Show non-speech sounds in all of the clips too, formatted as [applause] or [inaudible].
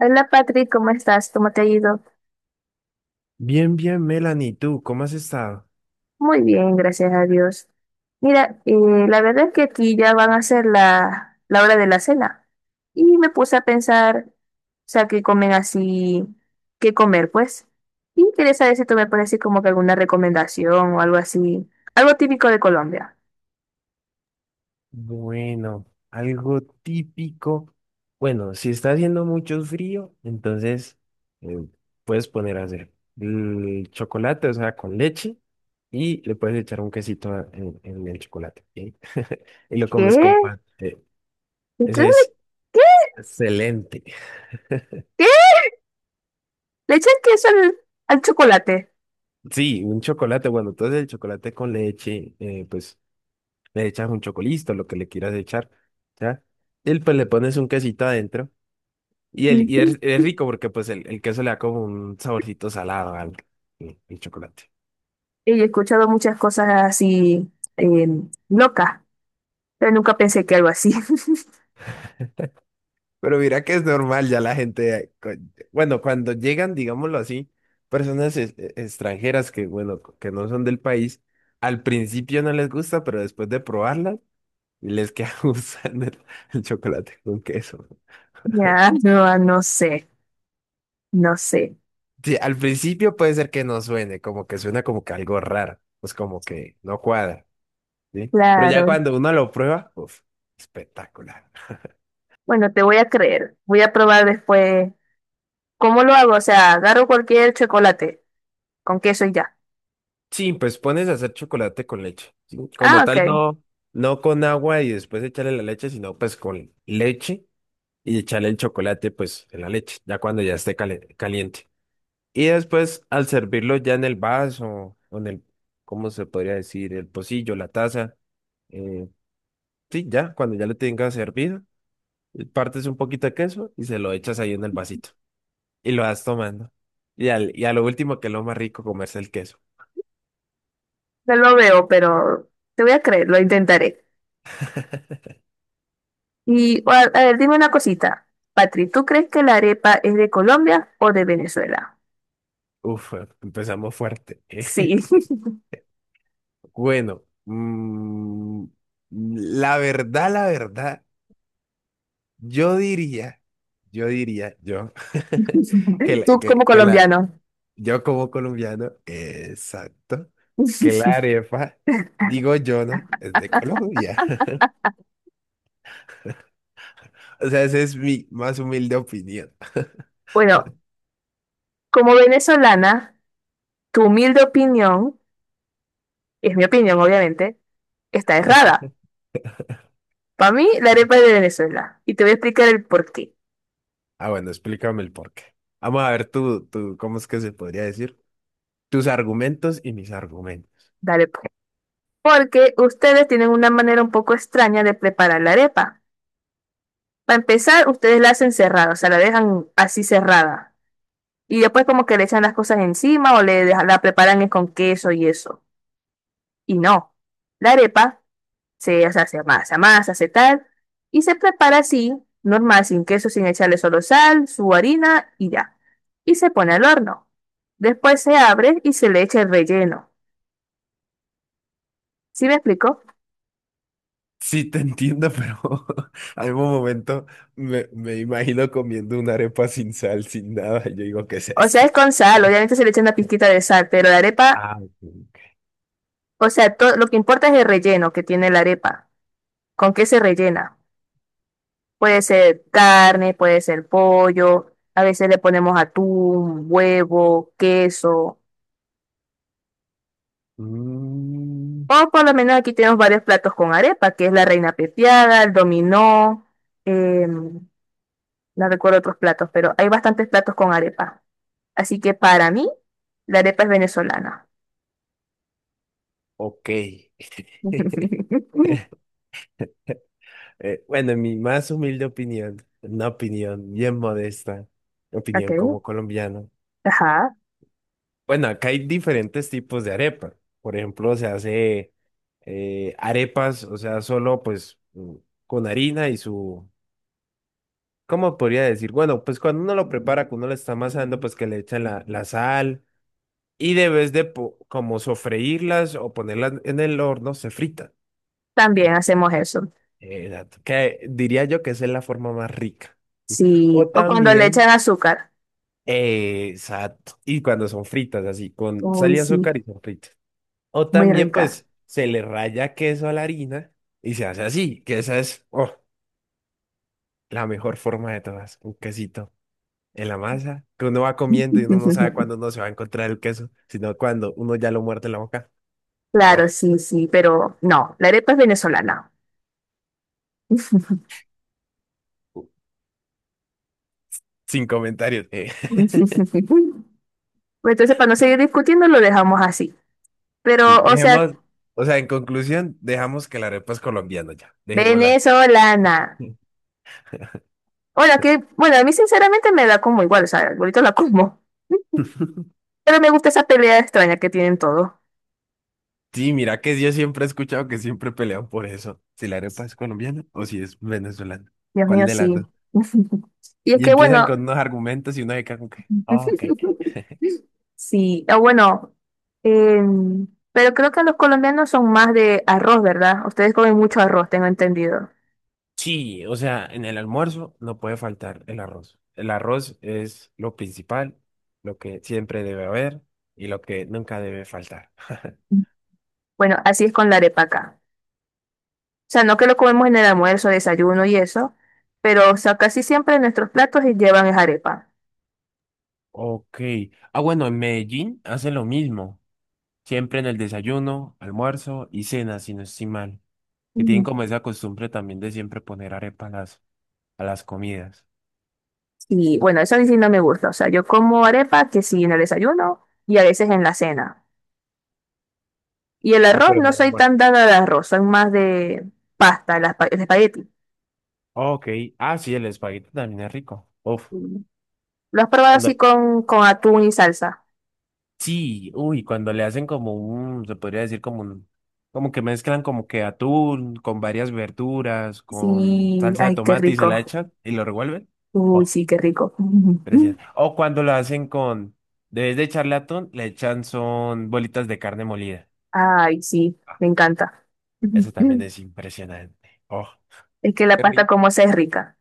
Hola Patrick, ¿cómo estás? ¿Cómo te ha ido? Bien, bien, Melanie, ¿tú cómo has estado? Muy bien, gracias a Dios. Mira, la verdad es que aquí ya van a ser la hora de la cena. Y me puse a pensar, o sea, qué comen así, qué comer, pues. Y quería saber si tú me pones así como que alguna recomendación o algo así, algo típico de Colombia. Bueno, algo típico. Bueno, si está haciendo mucho frío, entonces eh, puedes poner a hacer el chocolate, o sea, con leche, y le puedes echar un quesito en el chocolate, ¿sí? [laughs] Y lo comes con ¿Qué? pan. ¿Ustedes Ese le- es qué? excelente. ¿Qué? ¿Le echan queso al chocolate? Sí, un chocolate, bueno, entonces el chocolate con leche, pues le echas un chocolito, lo que le quieras echar, ¿ya? Y pues le pones un quesito adentro. Y, el, y [laughs] es rico porque pues el queso le da como un saborcito salado al, chocolate. Y he escuchado muchas cosas así, eh, locas. Pero nunca pensé que algo así. [laughs] Pero mira que es normal ya la gente, bueno, cuando llegan, digámoslo así, personas extranjeras que, bueno, que no son del país, al principio no les gusta, pero después de probarla, les queda [laughs] gustando el chocolate con queso. Ya, no, ah, no sé, no sé. Sí, al principio puede ser que no suene, como que suena como que algo raro, pues como que no cuadra, ¿sí? Pero ya Claro. cuando uno lo prueba, uff, espectacular. Bueno, te voy a creer. Voy a probar después. ¿Cómo lo hago? O sea, agarro cualquier chocolate con queso y ya. Sí, pues pones a hacer chocolate con leche. ¿Sí? Como Ah, tal, ok. no, no con agua y después echarle la leche, sino pues con leche y echarle el chocolate pues en la leche, ya cuando ya esté caliente. Y después al servirlo ya en el vaso o en el, ¿cómo se podría decir? El pocillo, la taza. eh, sí, ya, cuando ya lo tengas servido, partes un poquito de queso y se lo echas ahí en el vasito y lo vas tomando. Y, al, y a lo último, que es lo más rico, comerse el queso. No lo veo, pero te voy a creer, lo intentaré. Y a ver, dime una cosita. Patri, ¿tú crees que la arepa es de Colombia o de Venezuela? Uf, empezamos fuerte. Sí. [laughs] [laughs] Bueno, la verdad, yo diría, yo diría, [laughs] Tú como que la, colombiano. yo como colombiano, exacto, que la [laughs] arepa, digo yo, ¿no? Es de Colombia. [laughs] O sea, esa es mi más humilde opinión. Bueno, como venezolana, tu humilde opinión. Es mi opinión, obviamente, está errada. Para mí, la arepa es de Venezuela. Y te voy a explicar el por qué. Ah, bueno, explícame el porqué. Vamos a ver ¿cómo es que se podría decir? Tus argumentos y mis argumentos. Dale, pues. Porque ustedes tienen una manera un poco extraña de preparar la arepa. Para empezar, ustedes la hacen cerrada, o sea, la dejan así cerrada. Y después como que le echan las cosas encima o le deja- la preparan es con queso y eso. Y no. La arepa se, o sea, se amasa, amasa, se tal. Y se prepara así, normal, sin queso, sin echarle solo sal, su harina y ya. Y se pone al horno. Después se abre y se le echa el relleno. ¿Sí me explico? Sí, te entiendo, pero [laughs] algún momento me imagino comiendo una arepa sin sal, sin nada, y yo digo, ¿qué es O sea, es esto? con sal, obviamente se le echa una pizquita de sal, pero la arepa, Ah, ok. o sea, to- lo que importa es el relleno que tiene la arepa. ¿Con qué se rellena? Puede ser carne, puede ser pollo, a veces le ponemos atún, huevo, queso. Mm, O por lo menos aquí tenemos varios platos con arepa, que es la reina pepiada, el dominó, em, no recuerdo otros platos, pero hay bastantes platos con arepa. Así que para mí, la arepa es venezolana. ok. [laughs] [laughs] Bueno, en mi más humilde opinión, una opinión bien modesta, Ok, opinión como colombiano. ajá, Bueno, acá hay diferentes tipos de arepa. Por ejemplo, se hace arepas, o sea, solo pues con harina y su ¿cómo podría decir? Bueno, pues cuando uno lo prepara, que uno lo está amasando, pues que le echan la, la sal y debes de como sofreírlas o ponerlas en el horno, se fritan. también hacemos eso. Exacto. Que diría yo que esa es la forma más rica. Sí, O o cuando le también, echan azúcar. Exacto, y cuando son fritas, así, con sal Uy, y sí, azúcar y son fritas. O muy también, rica. pues, se le raya queso a la harina y se hace así, que esa es, oh, la mejor forma de todas, un quesito en la masa, que uno va comiendo y uno no sabe [laughs] cuándo uno se va a encontrar el queso, sino cuando uno ya lo muerde en la boca. Oh, Claro, sí, sí, pero no, la arepa es venezolana. sin comentarios. [laughs] [laughs] Pues entonces, para no seguir discutiendo, lo dejamos así. Sí, Pero, o sea, dejemos, o sea, en conclusión, dejamos que la arepa es colombiana ya, dejémosla. venezolana. Hola, que, bueno, a mí sinceramente me da como igual, o sea, ahorita la como. [laughs] Pero me gusta esa pelea extraña que tienen todos. Sí, mira que yo siempre he escuchado que siempre pelean por eso, si la arepa es colombiana o si es venezolana, Dios ¿cuál mío, de las sí. dos? [laughs] Y es Y que, empiezan bueno, con unos argumentos y uno se queda como que, "Ah, ok". [laughs] sí, ah, bueno, pero creo que los colombianos son más de arroz, ¿verdad? Ustedes comen mucho arroz, tengo entendido. Sí, o sea, en el almuerzo no puede faltar el arroz. El arroz es lo principal, lo que siempre debe haber y lo que nunca debe faltar. [laughs] Bueno, así es con la arepa acá. O sea, no que lo comemos en el almuerzo, desayuno y eso, pero, o sea, casi siempre nuestros platos llevan es arepa. Ok. Ah, bueno, en Medellín hacen lo mismo. Siempre en el desayuno, almuerzo y cena, si no estoy mal. Que tienen Ujú. como esa costumbre también de siempre poner arepa a las comidas. Y bueno, eso a mí sí no me gusta. O sea, yo como arepa que sí en el desayuno y a veces en la cena. Y el Ah, arroz, pero en no el soy almuerzo. tan dada al arroz, soy más de pasta, el aspa- el espagueti. Ok. Ah, sí, el espagueti también es rico. Uf. Mm. Lo has probado así con atún y salsa. Sí, uy, cuando le hacen como un, se podría decir como un, como que mezclan como que atún con varias verduras, con Sí, salsa de ay, qué tomate y se la rico. echan y lo revuelven. Uy, Oh, sí, qué rico. precioso. [laughs] O cuando lo hacen con, debes de echarle atún, le echan son bolitas de carne molida. Ay, sí, Ah, me encanta. [laughs] eso también Ujú. es impresionante. Oh, Es que la qué pasta rico. como esa es rica.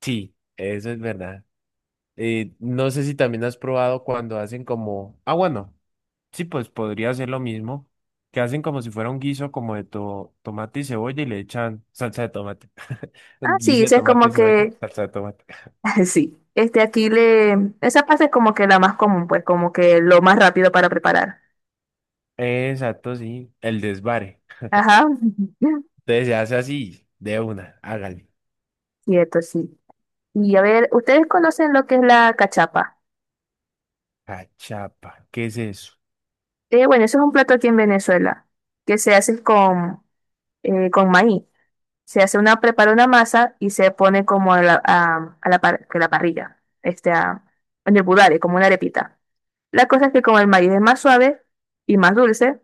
Sí, eso es verdad. No sé si también has probado cuando hacen como, ah, bueno. Sí, pues podría ser lo mismo, que hacen como si fuera un guiso como de tomate y cebolla y le echan salsa de tomate. [laughs] Ah, Un sí, guiso de esa es tomate como y cebolla, que, salsa de tomate. [laughs] sí, este aquí le, esa pasta es como que la más común, pues como que lo más rápido para preparar. [laughs] Exacto, sí, el desvare. Ajá, Entonces se hace así, de una, hágale. [laughs] cierto, sí. Y a ver, ¿ustedes conocen lo que es la cachapa? Cachapa, ¿qué es eso? Bueno, eso es un plato aquí en Venezuela, que se hace con maíz. Se hace una, prepara una masa y se pone como a la, par- que la parrilla, este, a- en el budare, como una arepita. La cosa es que como el maíz es más suave y más dulce,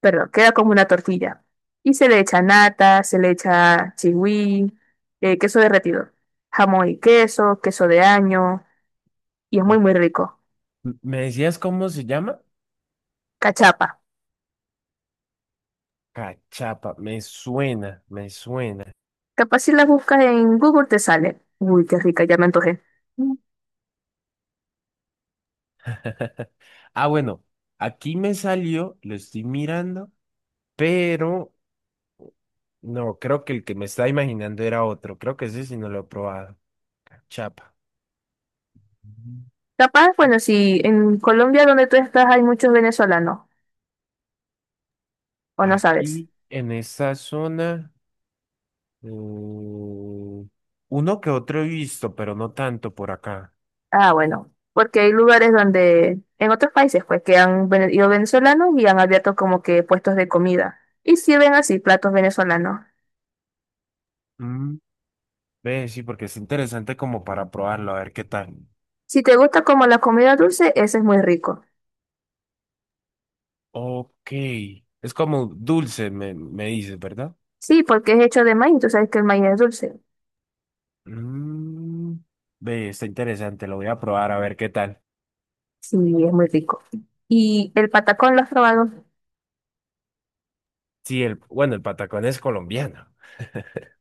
perdón, queda como una tortilla. Y se le echa nata, se le echa chigüí, queso derretido, jamón y queso, queso de año. Y es muy, Eh, muy rico. ¿Me decías cómo se llama? Cachapa. Cachapa, me suena, me suena. Capaz si las buscas en Google te sale. Uy, qué rica, ya me antojé. Mm. [laughs] Ah, bueno, aquí me salió, lo estoy mirando, pero no, creo que el que me estaba imaginando era otro. Creo que ese sí no lo he probado. Cachapa. Mm. Capaz, bueno, si en Colombia donde tú estás hay muchos venezolanos, o no sabes. Aquí en esta zona, mm, uno que otro he visto, pero no tanto por acá. Ah, bueno, porque hay lugares donde, en otros países, pues, que han vene- ido venezolanos y han abierto como que puestos de comida. Y sirven así platos venezolanos. Mm, ve, sí, porque es interesante como para probarlo, a ver qué tal. Si te gusta como la comida dulce, ese es muy rico. Ok. Es como dulce, me dices, ¿verdad? Sí, porque es hecho de maíz, tú sabes que el maíz es dulce. Mm, ve, está interesante, lo voy a probar a ver qué tal. Sí, es muy rico. ¿Y el patacón lo has probado? Sí, el, bueno, el patacón es colombiano.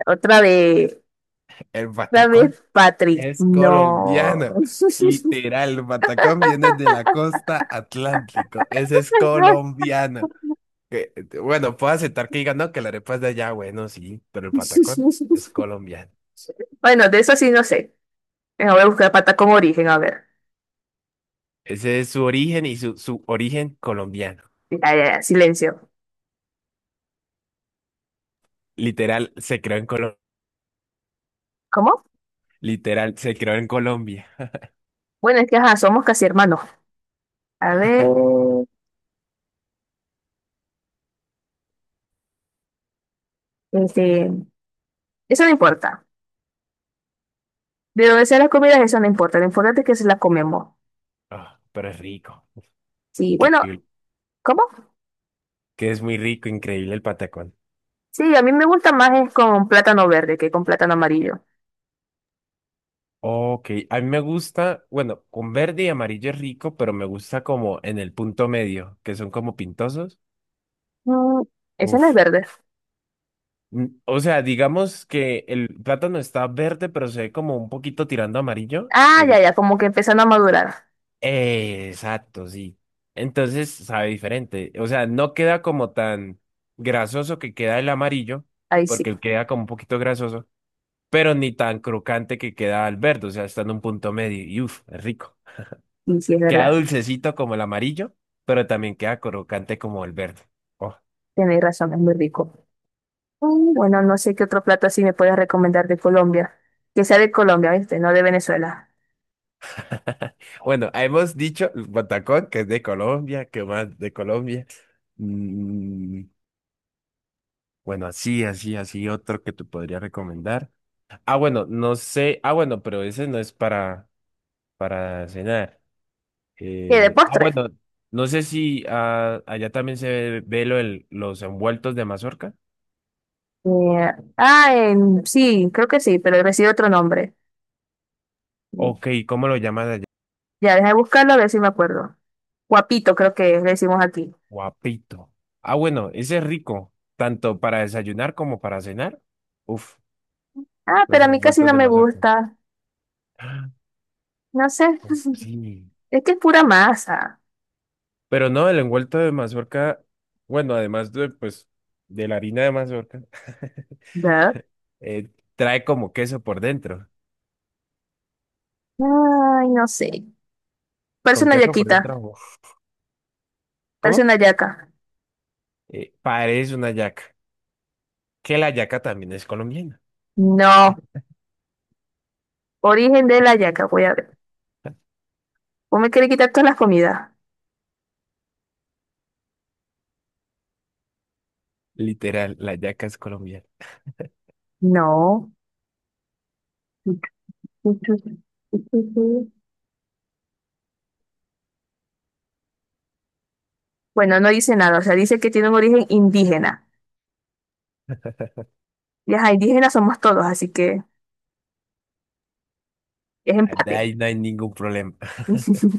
Otra vez, [laughs] El otra patacón. vez, Patrick. Es No. colombiano. [laughs] Literal, el patacón viene de la costa atlántico. Ese es colombiano. Que, bueno, puedo aceptar que digan, no, que la arepa es de allá, bueno, sí, pero el patacón es colombiano. Bueno, de eso sí no sé. Venga, voy a buscar pata con origen, a ver. Ese es su origen y su origen colombiano. Ya, ya, ya, silencio. Literal, se creó en Colombia. ¿Cómo? Literal, se creó en Colombia. Bueno, es que ajá, somos casi hermanos. A ver, este, eso no importa. De dónde sea las comidas, eso no importa. Lo importante es que se las comemos. Ah, pero es rico. Sí, bueno, Increíble. ¿cómo? Que es muy rico, increíble el patacón. Sí, a mí me gusta más es con plátano verde que con plátano amarillo. Ok, a mí me gusta, bueno, con verde y amarillo es rico, pero me gusta como en el punto medio, que son como pintosos. Mm, ese no es Uf. verde. Mm, o sea, digamos que el plátano está verde, pero se ve como un poquito tirando amarillo. Ah, ya, ya, como que empezando a madurar. Exacto, sí. Entonces sabe diferente. O sea, no queda como tan grasoso que queda el amarillo, Ahí sí. porque él queda como un poquito grasoso, pero ni tan crocante que queda el verde. O sea, está en un punto medio y uf, es rico. Y sí, es Queda verdad. dulcecito como el amarillo, pero también queda crocante como el verde. Oh. Tenéis razón, es muy rico. Mm, bueno, no sé qué otro plato así me puedes recomendar de Colombia. Que sea de Colombia, ¿viste? No de Venezuela. [laughs] Bueno, hemos dicho el patacón, que es de Colombia, que más de Colombia. Mm, bueno, así, así, así, otro que te podría recomendar. Ah, bueno, no sé. Ah, bueno, pero ese no es para cenar. ¿Qué? ¿De postre? Bueno, no sé si ah, allá también se ve, ve lo los envueltos de mazorca. Sí, creo que sí, pero recibe otro nombre. Mm, Ok, ¿cómo lo llaman allá? ya, deja de buscarlo a ver si me acuerdo. Guapito, creo que le decimos aquí. Guapito. Ah, bueno, ese es rico, tanto para desayunar como para cenar. Uf, Ah, los pero a mí casi envueltos no de me mazorca. gusta. [gasps] No sé. Ah, [laughs] sí. Es que es pura masa. Pero no, el envuelto de mazorca, bueno, además de, pues, de la harina de mazorca, [laughs] ¿Verdad? eh, trae como queso por dentro. Ay, no sé. Parece Con una queso por dentro, yaquita. uf. Parece ¿Cómo? una yaca. Parece una yaca. Que la yaca también es colombiana. No. Origen de la yaca, voy a ver. ¿Vos me querés quitar toda la comida? Literal, la yaca es colombiana. No. [laughs] Bueno, no dice nada, o sea, dice que tiene un origen indígena. Y ajá, indígenas somos todos, así que es Ah, de empate. ahí no hay ningún problema. [laughs] [laughs]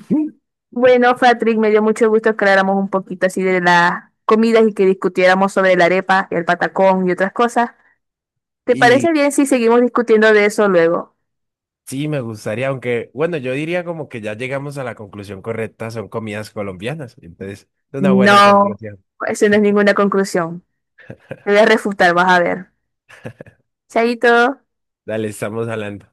Bueno, Patrick, me dio mucho gusto que habláramos un poquito así de las comidas y que discutiéramos sobre la arepa y el patacón y otras cosas. ¿Te parece y bien si seguimos discutiendo de eso luego? sí, me gustaría, aunque, bueno, yo diría como que ya llegamos a la conclusión correcta, son comidas colombianas, entonces, es una buena No, conclusión. eso no es ninguna conclusión. Te voy a refutar, vas a ver. Chaito. Dale, estamos hablando.